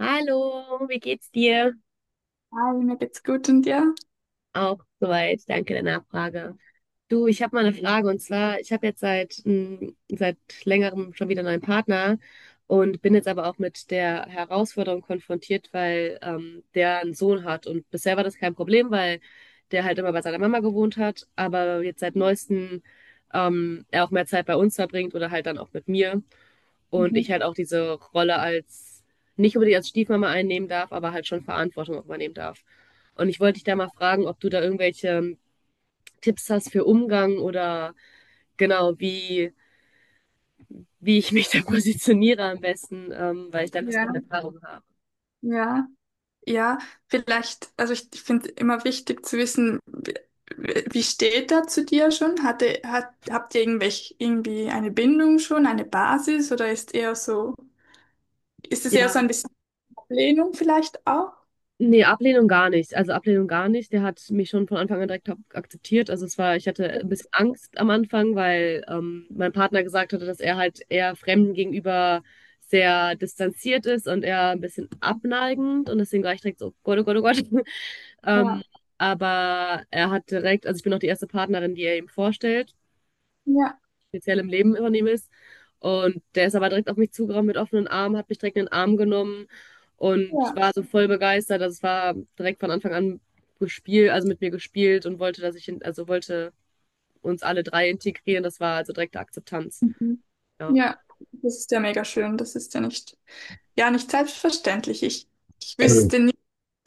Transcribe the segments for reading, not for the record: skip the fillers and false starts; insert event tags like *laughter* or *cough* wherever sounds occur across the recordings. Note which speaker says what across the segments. Speaker 1: Hallo, wie geht's dir?
Speaker 2: Hi, mir geht's gut und dir?
Speaker 1: Auch soweit, danke der Nachfrage. Du, ich habe mal eine Frage und zwar, ich habe jetzt seit längerem schon wieder einen neuen Partner und bin jetzt aber auch mit der Herausforderung konfrontiert, weil der einen Sohn hat und bisher war das kein Problem, weil der halt immer bei seiner Mama gewohnt hat, aber jetzt seit neuestem er auch mehr Zeit bei uns verbringt oder halt dann auch mit mir. Und
Speaker 2: Mhm.
Speaker 1: ich halt auch diese Rolle als, nicht unbedingt als Stiefmama einnehmen darf, aber halt schon Verantwortung auch übernehmen darf. Und ich wollte dich da mal fragen, ob du da irgendwelche Tipps hast für Umgang oder genau, wie, wie ich mich da *laughs* positioniere am besten, weil ich da ein bisschen
Speaker 2: Ja,
Speaker 1: Erfahrung habe.
Speaker 2: ja, ja. Vielleicht, also ich finde immer wichtig zu wissen, wie steht er zu dir schon? Habt ihr irgendwelche, irgendwie eine Bindung schon, eine Basis oder ist eher so, ist es eher
Speaker 1: Ja.
Speaker 2: so ein bisschen Ablehnung vielleicht auch?
Speaker 1: Nee, Ablehnung gar nicht. Also Ablehnung gar nicht. Der hat mich schon von Anfang an direkt akzeptiert. Also es war, ich hatte ein bisschen Angst am Anfang, weil mein Partner gesagt hatte, dass er halt eher Fremden gegenüber sehr distanziert ist und eher ein bisschen abneigend. Und deswegen war ich direkt so, oh Gott, oh Gott, oh Gott. *laughs*
Speaker 2: Ja,
Speaker 1: Ähm, aber er hat direkt, also ich bin auch die erste Partnerin, die er ihm vorstellt
Speaker 2: ja,
Speaker 1: speziell im Leben von ihm ist. Und der ist aber direkt auf mich zugerannt mit offenen Armen, hat mich direkt in den Arm genommen und
Speaker 2: ja.
Speaker 1: war so voll begeistert. Also es war direkt von Anfang an gespielt, also mit mir gespielt und wollte, also wollte uns alle drei integrieren. Das war also direkte Akzeptanz.
Speaker 2: Mhm.
Speaker 1: Ja.
Speaker 2: Ja, das ist ja mega schön. Das ist ja, nicht selbstverständlich. Ich
Speaker 1: Mhm.
Speaker 2: wüsste.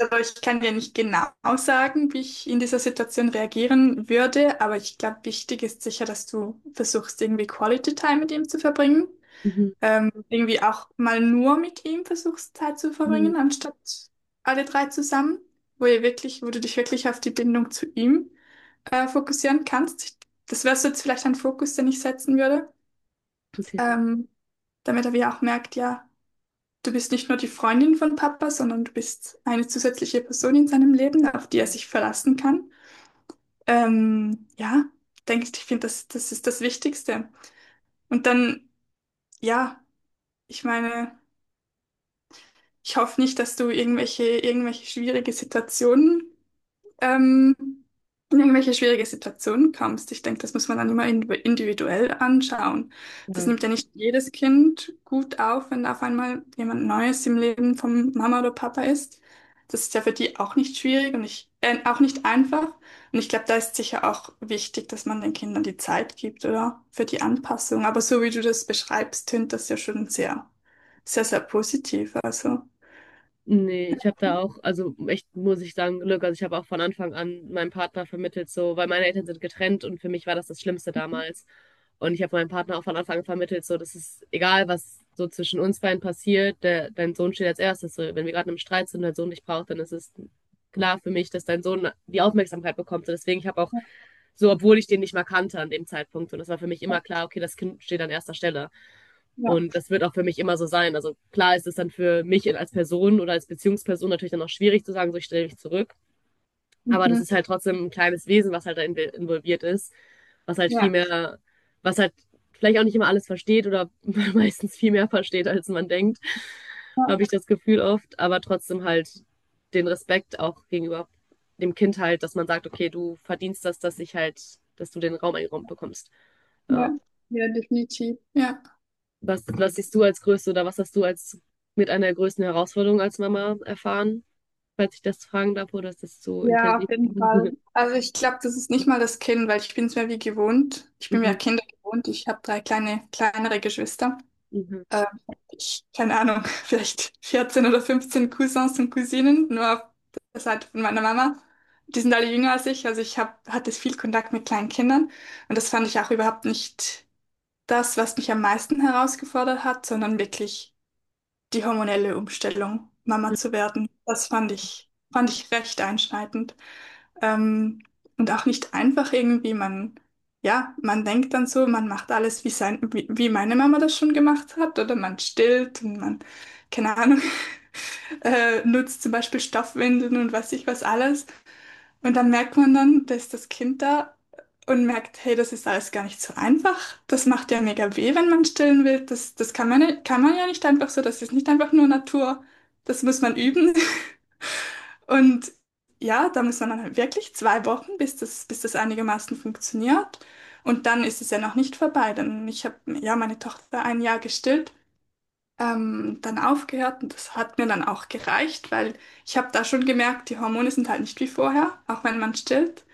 Speaker 2: Aber ich kann dir nicht genau sagen, wie ich in dieser Situation reagieren würde, aber ich glaube, wichtig ist sicher, dass du versuchst, irgendwie Quality Time mit ihm zu verbringen.
Speaker 1: Mhm.
Speaker 2: Irgendwie auch mal nur mit ihm versuchst, Zeit zu
Speaker 1: Ja,
Speaker 2: verbringen, anstatt alle drei zusammen, wo ihr wirklich, wo du dich wirklich auf die Bindung zu ihm fokussieren kannst. Das wäre so jetzt vielleicht ein Fokus, den ich setzen würde,
Speaker 1: gute Idee.
Speaker 2: ähm, damit er wie auch merkt, ja. Du bist nicht nur die Freundin von Papa, sondern du bist eine zusätzliche Person in seinem Leben, auf die er
Speaker 1: Mhm.
Speaker 2: sich verlassen kann. Ja, denke ich, ich finde, das ist das Wichtigste. Und dann, ja, ich meine, ich hoffe nicht, dass du irgendwelche schwierige Situationen ähm, in irgendwelche schwierige Situationen kommst. Ich denke, das muss man dann immer individuell anschauen. Das
Speaker 1: Ja.
Speaker 2: nimmt ja nicht jedes Kind gut auf, wenn auf einmal jemand Neues im Leben von Mama oder Papa ist. Das ist ja für die auch nicht schwierig und ich, auch nicht einfach. Und ich glaube, da ist sicher auch wichtig, dass man den Kindern die Zeit gibt, oder? Für die Anpassung. Aber so wie du das beschreibst, tönt das ja schon sehr, sehr, sehr positiv. Also.
Speaker 1: Nee, ich habe da auch, also echt muss ich sagen, Glück. Also ich habe auch von Anfang an meinem Partner vermittelt, so, weil meine Eltern sind getrennt und für mich war das das Schlimmste damals. Und ich habe meinem Partner auch von Anfang an vermittelt, so, das ist egal, was so zwischen uns beiden passiert, der, dein Sohn steht als erstes. So, wenn wir gerade im Streit sind und dein Sohn dich braucht, dann ist es klar für mich, dass dein Sohn die Aufmerksamkeit bekommt. Und deswegen, ich habe auch, so, obwohl ich den nicht mal kannte an dem Zeitpunkt, und das war für mich immer klar, okay, das Kind steht an erster Stelle.
Speaker 2: Ja,
Speaker 1: Und das wird auch für mich immer so sein. Also klar ist es dann für mich als Person oder als Beziehungsperson natürlich dann auch schwierig zu sagen, so ich stelle mich zurück. Aber das
Speaker 2: mhm.
Speaker 1: ist halt trotzdem ein kleines Wesen, was halt da involviert ist, was halt viel
Speaker 2: Ja,
Speaker 1: mehr, was halt vielleicht auch nicht immer alles versteht oder *laughs* meistens viel mehr versteht, als man denkt,
Speaker 2: ja,
Speaker 1: habe ich das Gefühl oft. Aber trotzdem halt den Respekt auch gegenüber dem Kind halt, dass man sagt, okay, du verdienst das, dass ich halt, dass du den Raum eingeräumt bekommst. Ja.
Speaker 2: ja, ja, definitiv. Ja.
Speaker 1: Was siehst du als größte oder was hast du als mit einer der größten Herausforderung als Mama erfahren? Falls ich das fragen darf, oder ist das zu
Speaker 2: Ja,
Speaker 1: intensiv?
Speaker 2: auf jeden Fall.
Speaker 1: *laughs*
Speaker 2: Also ich glaube, das ist nicht mal das Kind, weil ich bin es mir wie gewohnt. Ich bin mir
Speaker 1: Mhm,
Speaker 2: Kinder gewohnt. Ich habe drei kleine, kleinere Geschwister.
Speaker 1: mhm.
Speaker 2: Ähm, ich, keine Ahnung, *laughs* vielleicht 14 oder 15 Cousins und Cousinen, nur auf der Seite von meiner Mama. Die sind alle jünger als ich. Also hatte viel Kontakt mit kleinen Kindern. Und das fand ich auch überhaupt nicht das, was mich am meisten herausgefordert hat, sondern wirklich die hormonelle Umstellung, Mama zu werden. Das fand ich recht einschneidend. Ähm, und auch nicht einfach irgendwie, man, ja, man denkt dann so, man macht alles, wie meine Mama das schon gemacht hat, oder man stillt und man, keine Ahnung, *laughs* nutzt zum Beispiel Stoffwindeln und weiß ich was alles. Und dann merkt man dann, da ist das Kind da und merkt, hey, das ist alles gar nicht so einfach. Das macht ja mega weh, wenn man stillen will. Das kann man ja nicht einfach so, das ist nicht einfach nur Natur. Das muss man üben. *laughs* Und ja, da muss man dann halt wirklich 2 Wochen, bis das einigermaßen funktioniert. Und dann ist es ja noch nicht vorbei. Dann, ich habe ja meine Tochter ein Jahr gestillt, dann aufgehört und das hat mir dann auch gereicht, weil ich habe da schon gemerkt, die Hormone sind halt nicht wie vorher, auch wenn man stillt.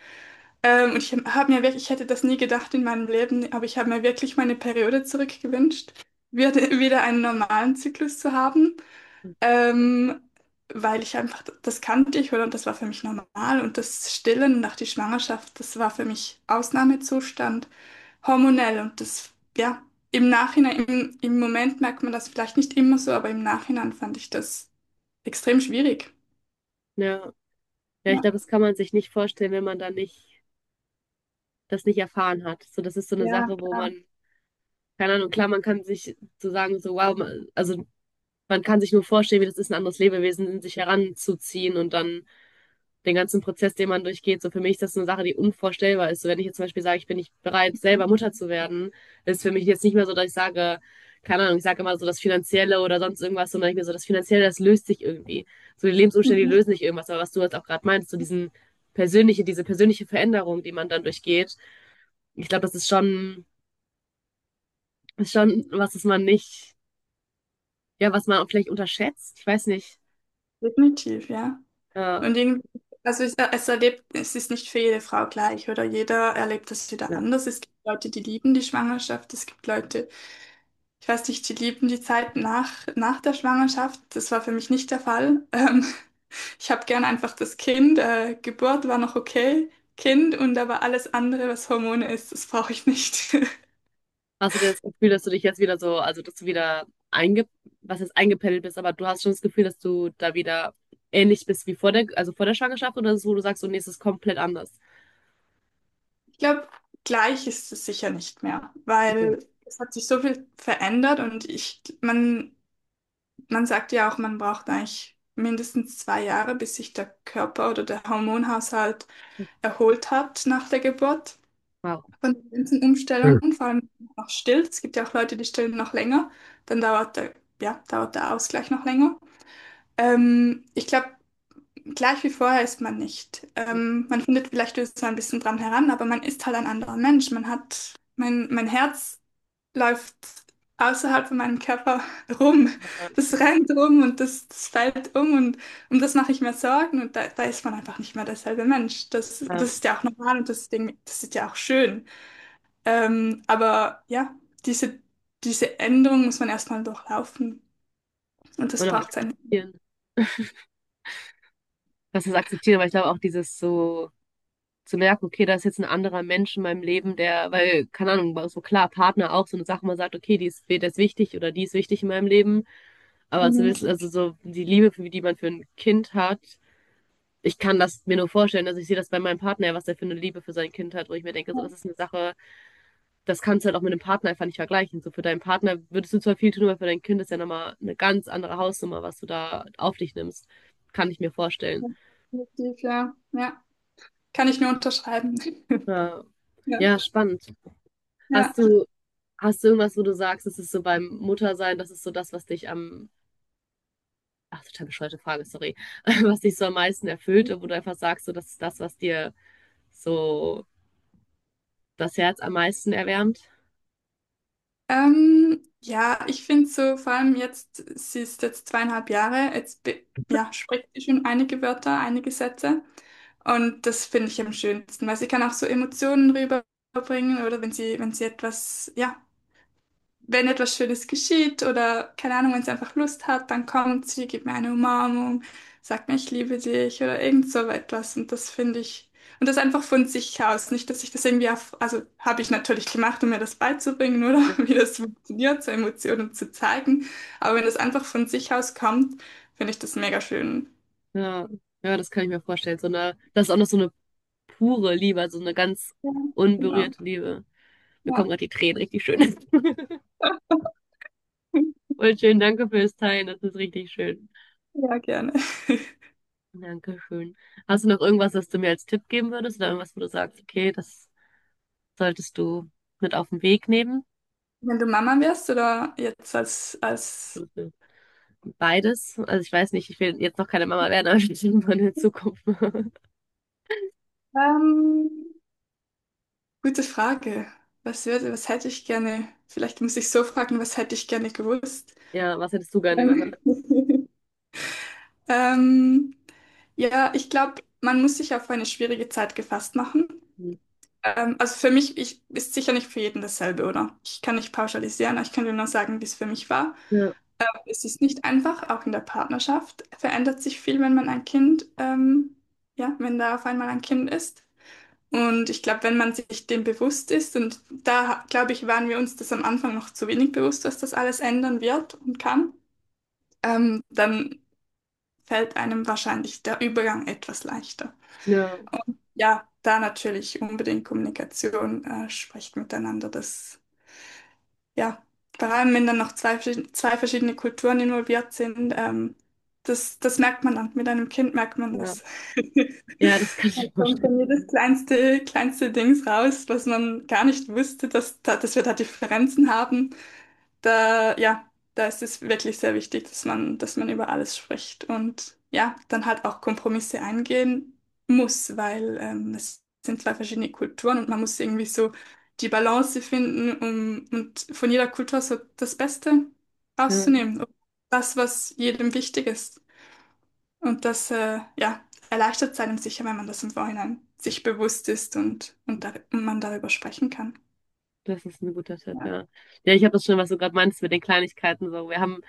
Speaker 2: Und ich habe mir wirklich, ich hätte das nie gedacht in meinem Leben, aber ich habe mir wirklich meine Periode zurückgewünscht, wieder einen normalen Zyklus zu haben. Ähm, weil ich einfach, das kannte ich oder? Und das war für mich normal. Und das Stillen nach der Schwangerschaft, das war für mich Ausnahmezustand, hormonell. Und das, ja, im Moment merkt man das vielleicht nicht immer so, aber im Nachhinein fand ich das extrem schwierig.
Speaker 1: Ja, ja, ich
Speaker 2: Ja,
Speaker 1: glaube, das kann man sich nicht vorstellen, wenn man da nicht, das nicht erfahren hat. So, das ist so eine
Speaker 2: ja,
Speaker 1: Sache, wo
Speaker 2: klar.
Speaker 1: man, keine Ahnung, klar, man kann sich so sagen, so, wow, man, also man kann sich nur vorstellen, wie das ist, ein anderes Lebewesen in sich heranzuziehen und dann den ganzen Prozess, den man durchgeht. So für mich ist das eine Sache, die unvorstellbar ist. So wenn ich jetzt zum Beispiel sage, ich bin nicht bereit, selber Mutter zu werden, ist für mich jetzt nicht mehr so, dass ich sage, keine Ahnung, ich sage immer so das Finanzielle oder sonst irgendwas, sondern ich mir so, das Finanzielle, das löst sich irgendwie. So die Lebensumstände, die
Speaker 2: Mhm.
Speaker 1: lösen nicht irgendwas. Aber was du jetzt auch gerade meinst, so diesen persönliche, diese persönliche Veränderung, die man dann durchgeht, ich glaube, das ist schon was, was man nicht, ja, was man vielleicht unterschätzt. Ich weiß nicht.
Speaker 2: Definitiv, ja.
Speaker 1: Äh,
Speaker 2: Und irgendwie, also es erlebt, es ist nicht für jede Frau gleich oder jeder erlebt das wieder
Speaker 1: ja.
Speaker 2: anders. Es gibt Leute, die lieben die Schwangerschaft, es gibt Leute, ich weiß nicht, die lieben die Zeit nach der Schwangerschaft. Das war für mich nicht der Fall. *laughs* Ich habe gern einfach das Kind. Geburt war noch okay. Kind und aber alles andere, was Hormone ist, das brauche ich nicht. *laughs*
Speaker 1: Hast du denn das Gefühl, dass du dich jetzt wieder so, also dass du wieder einge, was jetzt eingependelt bist, aber du hast schon das Gefühl, dass du da wieder ähnlich bist wie vor der, also vor der Schwangerschaft oder ist es, wo du sagst, so, nee, es ist komplett anders?
Speaker 2: Ich glaube, gleich ist es sicher nicht mehr,
Speaker 1: Mhm.
Speaker 2: weil es hat sich so viel verändert und ich, man sagt ja auch, man braucht eigentlich mindestens 2 Jahre, bis sich der Körper oder der Hormonhaushalt erholt hat nach der Geburt.
Speaker 1: Wow.
Speaker 2: Von den ganzen
Speaker 1: Hm.
Speaker 2: Umstellungen, vor allem noch still. Es gibt ja auch Leute, die stillen noch länger. Dann dauert der, ja, dauert der Ausgleich noch länger. Ich glaube, gleich wie vorher ist man nicht. Man findet vielleicht so ein bisschen dran heran, aber man ist halt ein anderer Mensch. Man hat, mein Herz läuft außerhalb von meinem Körper *laughs* rum. Das rennt rum und das fällt um und um das mache ich mir Sorgen und da, da ist man einfach nicht mehr derselbe Mensch.
Speaker 1: Ja,
Speaker 2: Das ist ja auch normal und das Ding, das ist ja auch schön. Aber ja, diese, diese Änderung muss man erstmal durchlaufen. Und das
Speaker 1: und auch
Speaker 2: braucht seine.
Speaker 1: akzeptieren. Was ist akzeptieren, aber ich glaube auch dieses so zu merken, okay, da ist jetzt ein anderer Mensch in meinem Leben, der, weil, keine Ahnung, war so klar, Partner auch so eine Sache, man sagt, okay, die ist, der ist wichtig oder die ist wichtig in meinem Leben, aber zu
Speaker 2: Mhm.
Speaker 1: wissen, also so die Liebe, die man für ein Kind hat, ich kann das mir nur vorstellen, also ich sehe das bei meinem Partner, was er für eine Liebe für sein Kind hat, wo ich mir denke,
Speaker 2: Ja,
Speaker 1: so, das ist eine Sache, das kannst du halt auch mit einem Partner einfach nicht vergleichen. So für deinen Partner würdest du zwar viel tun, aber für dein Kind ist ja nochmal eine ganz andere Hausnummer, was du da auf dich nimmst. Kann ich mir vorstellen.
Speaker 2: ja, definitiv, ja. Ja, kann ich nur unterschreiben. *laughs*
Speaker 1: Ja,
Speaker 2: Ja.
Speaker 1: ja spannend.
Speaker 2: Ja.
Speaker 1: Hast du, hast du irgendwas, wo du sagst, es ist so beim Muttersein, das ist so das, was dich am, ach, total bescheuerte Frage, sorry, *laughs* was dich so am meisten erfüllt und wo du einfach sagst, so, das ist das, was dir so das Herz am meisten erwärmt?
Speaker 2: Ja, ich finde so, vor allem jetzt, sie ist jetzt 2,5 Jahre, jetzt ja, spricht sie schon einige Wörter, einige Sätze. Und das finde ich am schönsten, weil sie kann auch so Emotionen rüberbringen oder wenn sie etwas, ja, wenn etwas Schönes geschieht oder keine Ahnung, wenn sie einfach Lust hat, dann kommt sie, gibt mir eine Umarmung, sagt mir, ich liebe dich oder irgend so etwas. Und das finde ich, und das einfach von sich aus. Nicht, dass ich das irgendwie auf, also habe ich natürlich gemacht, um mir das beizubringen oder *laughs* wie das funktioniert, so Emotionen zu zeigen. Aber wenn das einfach von sich aus kommt, finde ich das mega schön.
Speaker 1: Ja, ja, das kann ich mir vorstellen. So eine, das ist auch noch so eine pure Liebe, also eine ganz
Speaker 2: Ja, genau.
Speaker 1: unberührte Liebe. Mir
Speaker 2: Ja,
Speaker 1: kommen gerade die Tränen richtig schön. *laughs* Voll schön, danke fürs Teilen, das ist richtig schön.
Speaker 2: ja, gerne. *laughs*
Speaker 1: Dankeschön. Hast du noch irgendwas, das du mir als Tipp geben würdest oder irgendwas, wo du sagst, okay, das solltest du mit auf den Weg nehmen?
Speaker 2: Wenn du Mama wärst oder jetzt als,
Speaker 1: Beides. Also ich weiß nicht, ich will jetzt noch keine Mama werden, aber ich will irgendwann in Zukunft. *laughs*
Speaker 2: ähm, gute Frage. Was würde, was hätte ich gerne? Vielleicht muss ich so fragen, was hätte ich gerne gewusst?
Speaker 1: Ja, was hättest du gerne gehört?
Speaker 2: Ähm, *laughs* ähm, ja, ich glaube, man muss sich auf eine schwierige Zeit gefasst machen. Also für mich ich, ist sicher nicht für jeden dasselbe, oder? Ich kann nicht pauschalisieren, aber ich kann dir nur sagen, wie es für mich war.
Speaker 1: Ja,
Speaker 2: Es ist nicht einfach, auch in der Partnerschaft verändert sich viel, wenn man ein Kind, ja, wenn da auf einmal ein Kind ist. Und ich glaube, wenn man sich dem bewusst ist, und da, glaube ich, waren wir uns das am Anfang noch zu wenig bewusst, dass das alles ändern wird und kann, dann fällt einem wahrscheinlich der Übergang etwas leichter.
Speaker 1: ja,
Speaker 2: Ja, da natürlich unbedingt Kommunikation, sprecht miteinander, das ja, vor allem wenn dann noch zwei verschiedene Kulturen involviert sind, das merkt man dann. Mit einem Kind merkt man
Speaker 1: ja.
Speaker 2: das. *laughs*
Speaker 1: Ja, das kann
Speaker 2: Da
Speaker 1: ich mir
Speaker 2: kommt
Speaker 1: vorstellen.
Speaker 2: dann jedes kleinste Dings raus, was man gar nicht wusste, dass, da, dass wir da Differenzen haben da, ja, da ist es wirklich sehr wichtig, dass man über alles spricht und ja, dann halt auch Kompromisse eingehen muss, weil es sind zwei verschiedene Kulturen und man muss irgendwie so die Balance finden, um und von jeder Kultur so das Beste
Speaker 1: Ja.
Speaker 2: rauszunehmen. Das, was jedem wichtig ist. Und das, ja, erleichtert es einem sicher, wenn man das im Vorhinein sich bewusst ist und, dar und man darüber sprechen kann.
Speaker 1: Das ist ein guter Tipp,
Speaker 2: Ja,
Speaker 1: ja. Ja, ich habe das schon, was du gerade meinst mit den Kleinigkeiten so. Wir haben,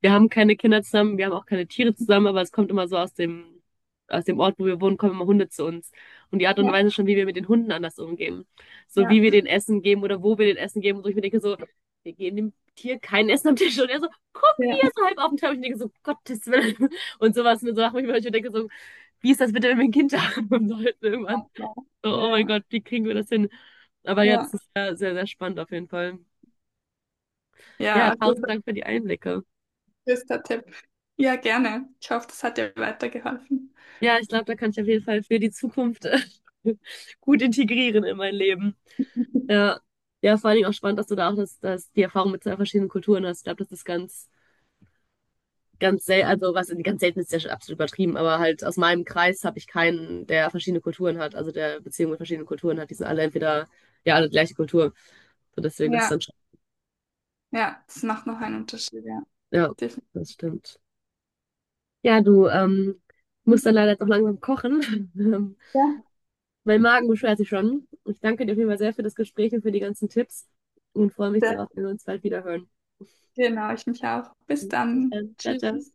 Speaker 1: wir haben keine Kinder zusammen, wir haben auch keine Tiere zusammen, aber es kommt immer so aus dem, Ort, wo wir wohnen, kommen immer Hunde zu uns. Und die Art und
Speaker 2: ja,
Speaker 1: Weise schon, wie wir mit den Hunden anders umgehen. So
Speaker 2: ja,
Speaker 1: wie wir den Essen geben oder wo wir den Essen geben. Und so ich mir denke so, wir geben dem Tier kein Essen am Tisch. Und er so, komm
Speaker 2: ja,
Speaker 1: hier, so halb auf den Tisch. Und ich denke so, Gottes Willen. Und sowas mit so Sachen, ich denke so, wie ist das bitte, wenn wir ein Kind haben *laughs* sollten irgendwann? So,
Speaker 2: ja,
Speaker 1: oh mein
Speaker 2: ja,
Speaker 1: Gott, wie kriegen wir das hin? Aber ja,
Speaker 2: ja.
Speaker 1: das ist sehr, sehr, sehr spannend auf jeden Fall.
Speaker 2: Ja,
Speaker 1: Ja,
Speaker 2: also
Speaker 1: tausend Dank für die Einblicke.
Speaker 2: das ist der Tipp. Ja, gerne. Ich hoffe, das hat dir weitergeholfen.
Speaker 1: Ja, ich glaube, da kann ich auf jeden Fall für die Zukunft *laughs* gut integrieren in mein Leben.
Speaker 2: *laughs*
Speaker 1: Ja, ja, vor allen Dingen auch spannend, dass du da auch die Erfahrung mit zwei verschiedenen Kulturen hast. Ich glaube, das ist ganz, ganz selten, also was ganz selten ist, ja schon absolut übertrieben, aber halt aus meinem Kreis habe ich keinen, der verschiedene Kulturen hat, also der Beziehung mit verschiedenen Kulturen hat. Die sind alle entweder, ja, alle die gleiche Kultur. So deswegen, das ist
Speaker 2: Ja,
Speaker 1: dann schon,
Speaker 2: ja, das macht noch einen Unterschied, ja.
Speaker 1: ja,
Speaker 2: Definitiv.
Speaker 1: das stimmt. Ja, du, ich muss dann leider jetzt auch langsam kochen. *laughs* Ähm,
Speaker 2: Ja,
Speaker 1: mein Magen beschwert sich schon. Ich danke dir auf jeden Fall sehr für das Gespräch und für die ganzen Tipps und freue mich
Speaker 2: das,
Speaker 1: darauf, wenn wir uns bald wieder hören.
Speaker 2: genau, ich mich auch. Bis
Speaker 1: Bis
Speaker 2: dann.
Speaker 1: dann. Ciao, ciao.
Speaker 2: Tschüss.